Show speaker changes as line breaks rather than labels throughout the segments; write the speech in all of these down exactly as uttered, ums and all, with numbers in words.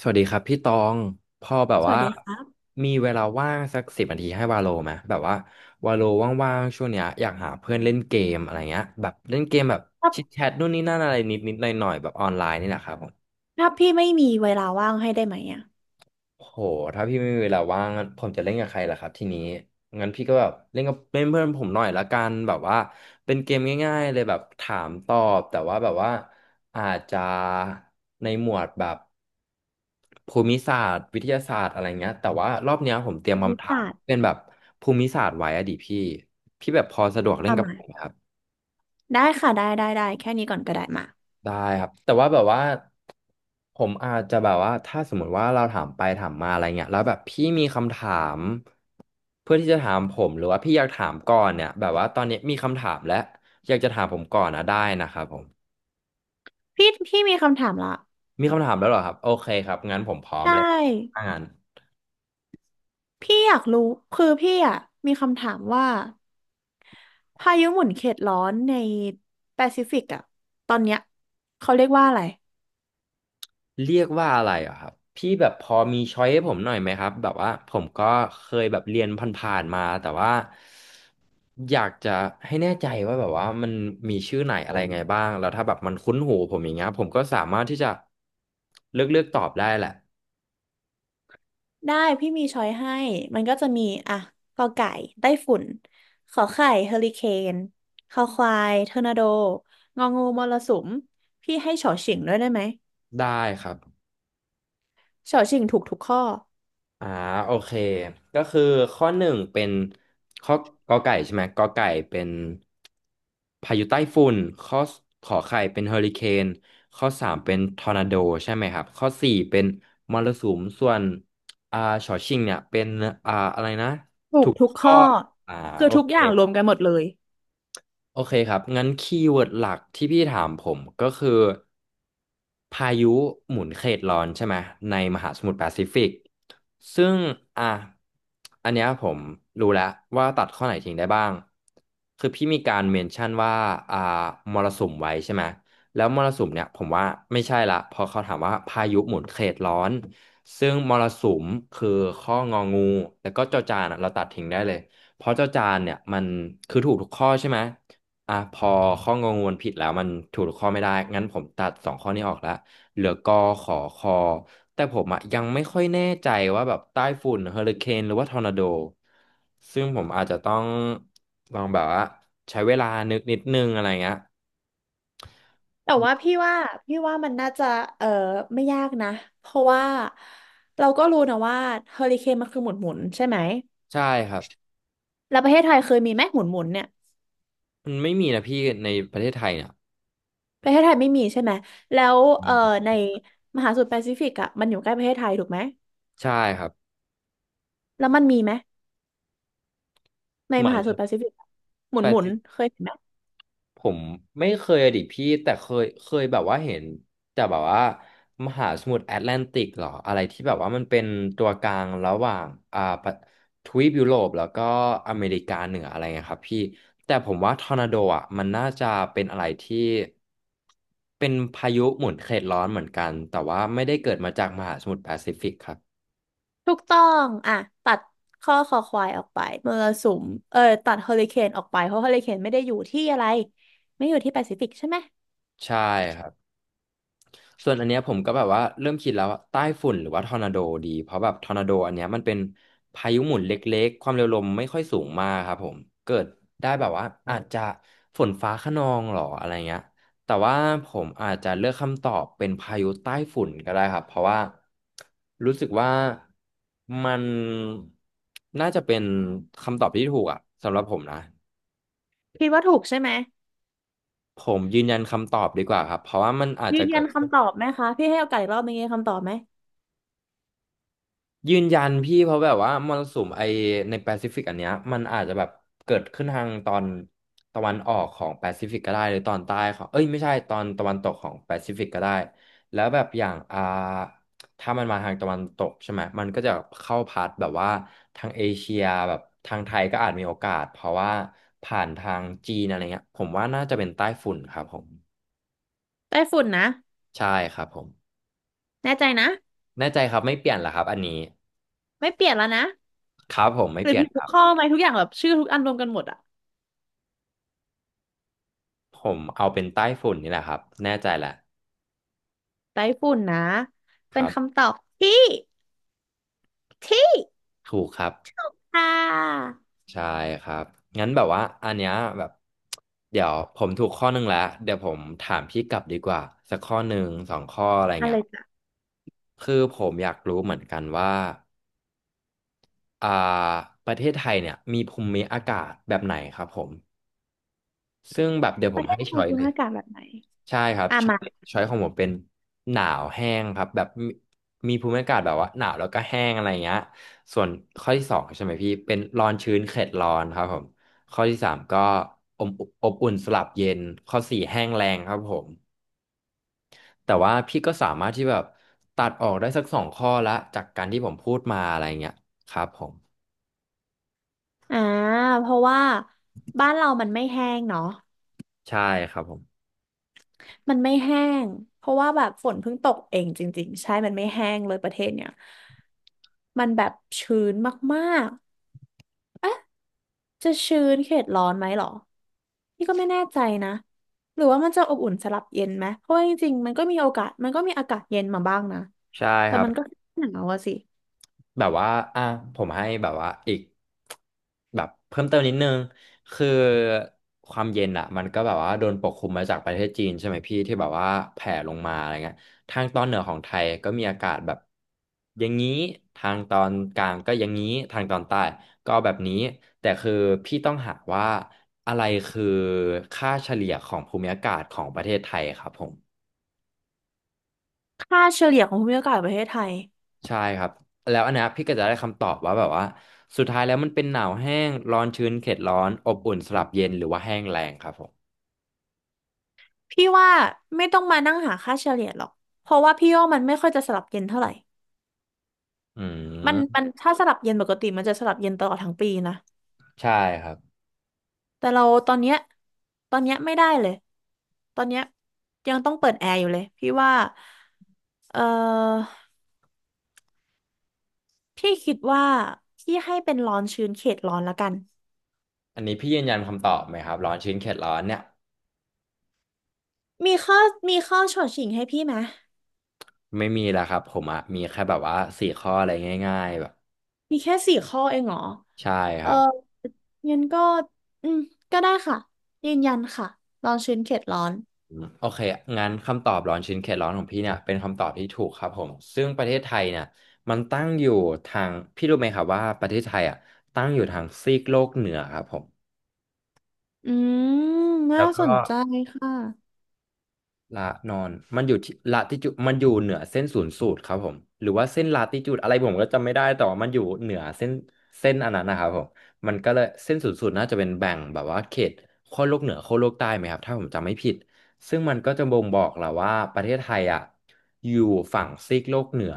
สวัสดีครับพี่ตองพอแบบ
สวั
ว่า
สดีครับ
มีเวลาว่างสักสิบนาทีให้วาโลไหมแบบว่าวาโลว่างๆช่วงเนี้ยอยากหาเพื่อนเล่นเกมอะไรเงี้ยแบบเล่นเกมแบบ
ถ้า
ชิดแชทนู่นนี่นั่นอะไรนิดๆหน่อยๆแบบออนไลน์นี่แหละครับผม
ถ้าพี่ไม่มีเวลาว่างให้ได้ไหมอ่ะ
โหถ้าพี่ไม่มีเวลาว่างผมจะเล่นกับใครล่ะครับทีนี้งั้นพี่ก็แบบเล่นกับเล่นเพื่อนผมหน่อยละกันแบบว่าเป็นเกมง่ายๆเลยแบบถามตอบแต่ว่าแบบว่าอาจจะในหมวดแบบภูมิศาสตร์วิทยาศาสตร์อะไรเงี้ยแต่ว่ารอบเนี้ยผมเตรีย
ภู
ม
มิ
คำถาม
ศาสตร์
เป็นแบบภูมิศาสตร์ไว้อะดิพี่พี่แบบพอสะดวกเล่
อ่ะ
นกับ
มา
ผมไหมครับ
ได้ค่ะได้ได้ได้แค่นี้ก่อนก็ได้มา
ได้ครับแต่ว่าแบบว่าผมอาจจะแบบว่าถ้าสมมติว่าเราถามไปถามมาอะไรเงี้ยแล้วแบบพี่มีคำถามเพื่อที่จะถามผมหรือว่าพี่อยากถามก่อนเนี่ยแบบว่าตอนนี้มีคำถามแล้วอยากจะถามผมก่อนนะได้นะครับผม
พี่พี่มีคำถามละ
มีคำถามแล้วเหรอครับโอเคครับงั้นผมพร้อม
ใช
เลย
่
ถ้างั้น
พี่อยากรู้คือพี่อ่ะมีคำถามว่าพายุหมุนเขตร้อนในแปซิฟิกอ่ะตอนเนี้ยเขาเรียกว่าอะไร
เรียกว่าอะไรเหรอครับพี่แบบพอมีช้อยให้ผมหน่อยไหมครับแบบว่าผมก็เคยแบบเรียนผ่านๆมาแต่ว่าอยากจะให้แน่ใจว่าแบบว่ามันมีชื่อไหนอะไรไงบ้างแล้วถ้าแบบมันคุ้นหูผมอย่างเงี้ยผมก็สามารถที่จะเลือกเลือกตอบได้แหละ
ได้พี่มีช้อยให้มันก็จะมีอ่ะกอไก่ไต้ฝุ่นขอไข่เฮอริเคนคอควายทอร์นาโดงองูมรสุมพี่ให้ฉอเฉียงด้วยได้ไหม
ได้ครับ
เฉาชิงถูกทุกข้อ
อ่าโอเคก็คือข้อหนึ่งเป็นข้อกอไก่ใช่ไหมกอไก่เป็นพายุใต้ฝุ่นข้อขอไข่เป็นเฮอริเคนข้อสามเป็นทอร์นาโดใช่ไหมครับข้อสี่เป็นมรสุมส่วนอ่าฉอชิงเนี่ยเป็นอ่าอะไรนะ
ถู
ถู
ก
ก
ทุก
ข้อ
ข้อ
อ่า
คือ
โอ
ทุก
เค
อย่างรวมกันหมดเลย
โอเคครับงั้นคีย์เวิร์ดหลักที่พี่ถามผมก็คือพายุหมุนเขตร้อนใช่ไหมในมหาสมุทรแปซิฟิกซึ่งอ่ะอันเนี้ยผมรู้แล้วว่าตัดข้อไหนทิ้งได้บ้างคือพี่มีการเมนชั่นว่าอ่ามรสุมไว้ใช่ไหมแล้วมรสุมเนี่ยผมว่าไม่ใช่ละเพอเขาถามว่าพายุหมุนเขตร้อนซึ่งมรสุมคือข้ององูแล้วก็จอจานอะเราตัดทิ้งได้เลยเพราะเจ้าจานเนี่ยมันคือถูกทุกข้อใช่ไหม อ่ะพอข้องงวนผิดแล้วมันถูกข้อไม่ได้ งั้นผมตัดสองข้อนี้ออกแล้ว เหลือกอขอคอแต่ผมอะยังไม่ค่อยแน่ใจว่าแบบใต้ฝุ่นเฮอริเคนหรือว่าทอร์นาโด ซึ่งผมอาจจะต้องลองแบบว่าใช้เวลานึกนิดนึงอะไรเงี้ย
แต่ว่าพี่ว่าพี่ว่ามันน่าจะเออไม่ยากนะเพราะว่าเราก็รู้นะว่าเฮอริเคนมันคือหมุนหมุนใช่ไหม
ใช่ครับ
แล้วประเทศไทยเคยมีไหมหมุนหมุนเนี่ย
มันไม่มีนะพี่ในประเทศไทยเนี่ย
ประเทศไทยไม่มีใช่ไหมแล้วเออในมหาสมุทรแปซิฟิกอ่ะมันอยู่ใกล้ประเทศไทยถูกไหม
ใช่ครับ
แล้วมันมีไหมใน
ห
ม
มาย
หาสมุ
ถึ
ทรแปซิฟิกอะหมุนหมุน
ง
เคยเห็น
ผมไม่เคยอะดิพี่แต่เคยเคยแบบว่าเห็นแต่แบบว่ามหาสมุทรแอตแลนติกเหรออะไรที่แบบว่ามันเป็นตัวกลางระหว่างอ่าประทวีปยุโรปแล้วก็อเมริกาเหนืออะไรเงี้ยครับพี่แต่ผมว่าทอร์นาโดอ่ะมันน่าจะเป็นอะไรที่เป็นพายุหมุนเขตร้อนเหมือนกันแต่ว่าไม่ได้เกิดมาจากมหาสมุทรแปซิฟิกครับ
ถูกต้องอ่ะตัดข้อคอควายออกไปมรสุมเออตัดเฮอริเคนออกไปเพราะเฮอริเคนไม่ได้อยู่ที่อะไรไม่อยู่ที่แปซิฟิกใช่ไหม
ใช่ครับ ส่วนอันเนี้ยผมก็แบบว่าเริ่มคิดแล้วว่าใต้ฝุ่นหรือว่าทอร์นาโดดีเพราะแบบทอร์นาโดอันเนี้ยมันเป็นพายุหมุนเล็กๆความเร็วลมไม่ค่อยสูงมากครับผมเกิดได้แบบว่าอาจจะฝนฟ้าคะนองหรออะไรเงี้ยแต่ว่าผมอาจจะเลือกคำตอบเป็นพายุใต้ฝุ่นก็ได้ครับเพราะว่ารู้สึกว่ามันน่าจะเป็นคำตอบที่ถูกอะสำหรับผมนะ
คิดว่าถูกใช่ไหม
ผมยืนยันคำตอบดีกว่าครับเพราะว่ามันอาจ
ยื
จะ
นยันคำตอบไหมคะพี่ให้โอกาสอีกรอบนึงยืนยันคำตอบไหม
ยืนยันพี่เพราะแบบว่ามรสุมไอในแปซิฟิกอันเนี้ยมันอาจจะแบบเกิดขึ้นทางตอนตะวันออกของแปซิฟิกก็ได้หรือตอนใต้ของเอ้ยไม่ใช่ตอนตะวันตกของแปซิฟิกก็ได้แล้วแบบอย่างอ่าถ้ามันมาทางตะวันตกใช่ไหมมันก็จะเข้าพัดแบบว่าทางเอเชียแบบทางไทยก็อาจมีโอกาสเพราะว่าผ่านทางจีนอะไรเงี้ยผมว่าน่าจะเป็นใต้ฝุ่นครับผม
ไต้ฝุ่นนะ
ใช่ครับผม
แน่ใจนะ
แน่ใจครับไม่เปลี่ยนเหรอครับอันนี้
ไม่เปลี่ยนแล้วนะ
ครับผมไม่
หรื
เป
อ
ลี่ยนค
ทุก
รับ
ข้อไหมทุกอย่างแบบชื่อทุกอันรวมกันหมดอะ
ผมเอาเป็นใต้ฝุ่นนี่แหละครับแน่ใจแหละ
ไต้ฝุ่นนะ
ค
เป็น
รั
คำ
บ
ตอบที่ที่
ถูกครับ
อ่า
ใช่ครับงั้นแบบว่าอันเนี้ยแบบเดี๋ยวผมถูกข้อหนึ่งแล้วเดี๋ยวผมถามพี่กลับดีกว่าสักข้อหนึ่งสองข้ออะไร
อะ
เงี้
ไร
ย
จ้ะ
คือผมอยากรู้เหมือนกันว่าอ่าประเทศไทยเนี่ยมีภูมิอากาศแบบไหนครับผมซึ่งแบบเดี๋ยว
ป
ผม
ระเทศ
ให้
ไท
ช้
ย
อย
ภู
เล
มิ
ย
อากาศแบบไหน
ใช่ครับ
อ่ะ
ช้อ
มา
ยช้อยของผมเป็นหนาวแห้งครับแบบมีมีภูมิอากาศแบบว่าหนาวแล้วก็แห้งอะไรเงี้ยส่วนข้อที่สองใช่ไหมพี่เป็นร้อนชื้นเขตร้อนครับผมข้อที่สามก็อมอบอุ่นสลับเย็นข้อสี่แห้งแรงครับผมแต่ว่าพี่ก็สามารถที่แบบตัดออกได้สักสองข้อละจากการที่ผมพูดมาอะไรเงี้ยครับผม
อ่าเพราะว่าบ้านเรามันไม่แห้งเนาะ
ใช่ครับผม
มันไม่แห้งเพราะว่าแบบฝนเพิ่งตกเองจริงๆใช่มันไม่แห้งเลยประเทศเนี่ยมันแบบชื้นมากๆจะชื้นเขตร้อนไหมหรอนี่ก็ไม่แน่ใจนะหรือว่ามันจะอบอุ่นสลับเย็นไหมเพราะว่าจริงๆมันก็มีโอกาสมันก็มีอากาศเย็นมาบ้างนะ
ใช่
แต่
ครั
มันก็
บ
หนาวอะสิ
แบบว่าอ่ะผมให้แบบว่าอีกแบบเพิ่มเติมนิดนึงคือความเย็นอ่ะมันก็แบบว่าโดนปกคลุมมาจากประเทศจีนใช่ไหมพี่ที่แบบว่าแผ่ลงมาอะไรเงี้ยทางตอนเหนือของไทยก็มีอากาศแบบอย่างนี้ ทางตอนกลางก็อย่างนี้ทางตอนใต้ก็แบบนี้ แต่คือพี่ต้องหาว่าอะไรคือค่าเฉลี่ยของภูมิอากาศของประเทศไทยครับผม
ค่าเฉลี่ยของภูมิอากาศประเทศไทย
ใช่ครับแล้วอันเนี้ยพี่ก็จะได้คำตอบว่าแบบว่าสุดท้ายแล้วมันเป็นหนาวแห้งร้อนชื้นเขตร้อนอบอุ่นสลับเย็นหรือว่าแห้งแรงครับผม
พี่ว่าไม่ต้องมานั่งหาค่าเฉลี่ยหรอกเพราะว่าพี่ว่ามันไม่ค่อยจะสลับเย็นเท่าไหร่
อื
มัน
ม
มันถ้าสลับเย็นปกติมันจะสลับเย็นตลอดทั้งปีนะ
ใช่ครับ
แต่เราตอนเนี้ยตอนเนี้ยไม่ได้เลย ตอนเนี้ยยังต้องเปิดแอร์อยู่เลยพี่ว่า เออพี่คิดว่าพี่ให้เป็นร้อนชื้นเขตร้อนละกัน
อันนี้พี่ยืนยันคำตอบไหมครับร้อนชื้นเขตร้อนเนี่ย
มีข้อมีข้อฉดฉิงให้พี่ไหม
ไม่มีแล้วครับผมอะมีแค่แบบว่าสี่ข้ออะไรง่ายๆแบบ
มีแค่สี่ข้อเองเหรอ
ใช่ค
เออ
รับ
งั้นก็อืมก็ได้ค่ะยืนยันค่ะร้อนชื้นเขตร้อน
อืมโอเคงั้นคำตอบร้อนชื้นเขตร้อนของพี่เนี่ยเป็นคำตอบที่ถูกครับผมซึ่งประเทศไทยเนี่ยมันตั้งอยู่ทางพี่รู้ไหมครับว่าประเทศไทยอ่ะตั้งอยู่ทางซีกโลกเหนือครับผม
อืมน่า
แล้ว
ส
ก็
นใจค่ะ
ละนอนมันอยู่ที่ละติจูดมันอยู่เหนือเส้นศูนย์สูตรครับผมหรือว่าเส้นลาติจูดอะไรผมก็จำไม่ได้แต่ว่ามันอยู่เหนือเส้นเส้นอันนั้นนะครับผมมันก็เลยเส้นศูนย์สูตรน่าจะเป็นแบ่งแบบว่าเขตขั้วโลกเหนือขั้วโลกใต้ไหมครับถ้าผมจำไม่ผิดซึ่งมันก็จะบ่งบอกแหละว่าประเทศไทยอ่ะอยู่ฝั่งซีกโลกเหนือ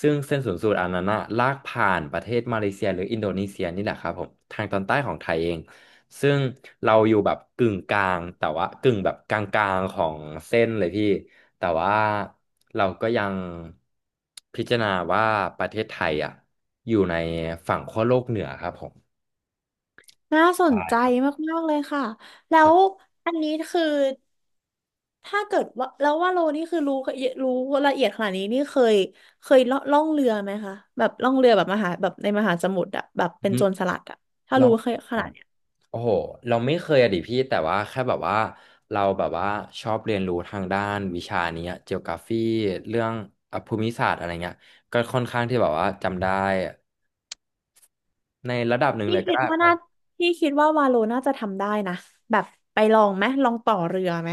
ซึ่งเส้นศูนย์สูตรอันนั้นอะลากผ่านประเทศมาเลเซียหรืออินโดนีเซียนี่แหละครับผมทางตอนใต้ของไทยเอง ซึ่งเราอยู่แบบกึ่งกลางแต่ว่ากึ่งแบบกลางๆของเส้นเลยพี่แต่ว่าเราก็ยังพิจารณาว่าประเทศไทยอ่ะอยู่ในฝั่งขั้วโลกเหนือครับผม
น่าสน
ได้
ใจ
ครับ
มากๆเลยค่ะแล้ว
ใช่
อันนี้คือ ถ้าเกิดว่าแล้วว่าโลนี่คือรู้รู้ละเอียดขนาดนี้นี่เคยเคยล่อล่องเรือไหมคะแบบล่องเรือแบบมหาแบบในมหาสมุทรอะแบบเป็น
อืม
โจรสลัดอะถ้า
ลอ
รู้
ง
เคยข
อ่ะ
นาดเนี้ย
โอ้โหเราไม่เคยอะดิพี่แต่ว่าแค่แบบว่าเราแบบว่าชอบเรียนรู้ทางด้านวิชานี้เจีโอกราฟีเรื่องอ่ะภูมิศาสตร์อะไรเงี้ยก็ค่อนข้างที่แบบว่าจำได้ในระดับหนึ่ง
พี่
เลยก็
คิด
ได้
ว่าน่าพี่คิดว่าวาโลน่าจะทำได้นะแบบไปลองไหมลองต่อเรือไหม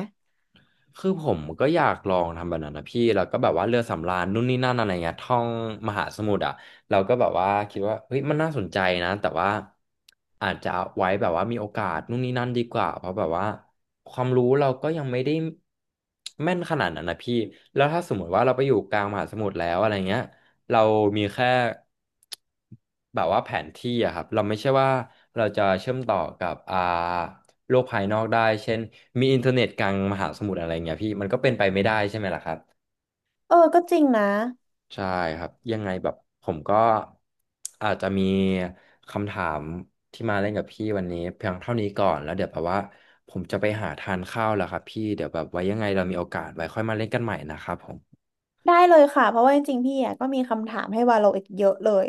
คือผมก็อยากลองทำแบบนั้นนะพี่แล้วก็แบบว่าเรือสำราญนู่นนี่นั่นอะไรเงี้ยท่องมหาสมุทรอ่ะเราก็แบบว่าคิดว่าเฮ้ยมันน่าสนใจนะแต่ว่าอาจจะเอาไว้แบบว่ามีโอกาสนู่นนี่นั่นดีกว่าเพราะแบบว่าความรู้เราก็ยังไม่ได้แม่นขนาดนั้นนะพี่แล้วถ้าสมมติว่าเราไปอยู่กลางมหาสมุทรแล้วอะไรเงี้ยเรามีแค่แบบว่าแผนที่อะครับเราไม่ใช่ว่าเราจะเชื่อมต่อกับอ่า โลกภายนอกได้เช่นมีอินเทอร์เน็ตกลางมหาสมุทรอะไรเงี้ยพี่มันก็เป็นไปไม่ได้ใช่ไหมล่ะครับ
เออก็จริงนะ
ใช่ครับยังไงแบบผมก็อาจจะมีคำถามที่มาเล่นกับพี่วันนี้เพียงเท่านี้ก่อนแล้วเดี๋ยวแบบว่าผมจะไปหาทานข้าวแล้วครับพี่เดี๋ยวแบบไว้ยังไงเรามีโอกาสไว้ค่อยมาเล่นกันใหม่นะครับผม
ได้เลยค่ะเพราะว่าจริงๆพี่อ่ะก็มีคำถามให้วาโลอีกเยอะเลย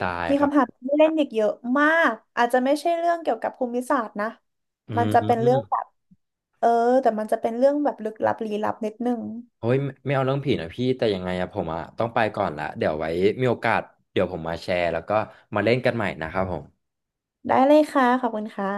ได้
มี
ครับ
คำถามที่เล่นอีกเยอะมากอาจจะไม่ใช่เรื่องเกี่ยวกับภูมิศาสตร์นะ
อื
มันจะเป็นเรื่อง
ม
แบบเออแต่มันจะเป็นเรื่องแบบลึกลับลี้ลับนิดนึง
โอ้ยไม่ไม่เอาเรื่องผีนะพี่แต่ยังไงอะผมอะต้องไปก่อนละเดี๋ยวไว้มีโอกาสเดี๋ยวผมมาแชร์แล้วก็มาเล่นกันใหม่นะครับผม
ได้เลยค่ะขอบคุณค่ะ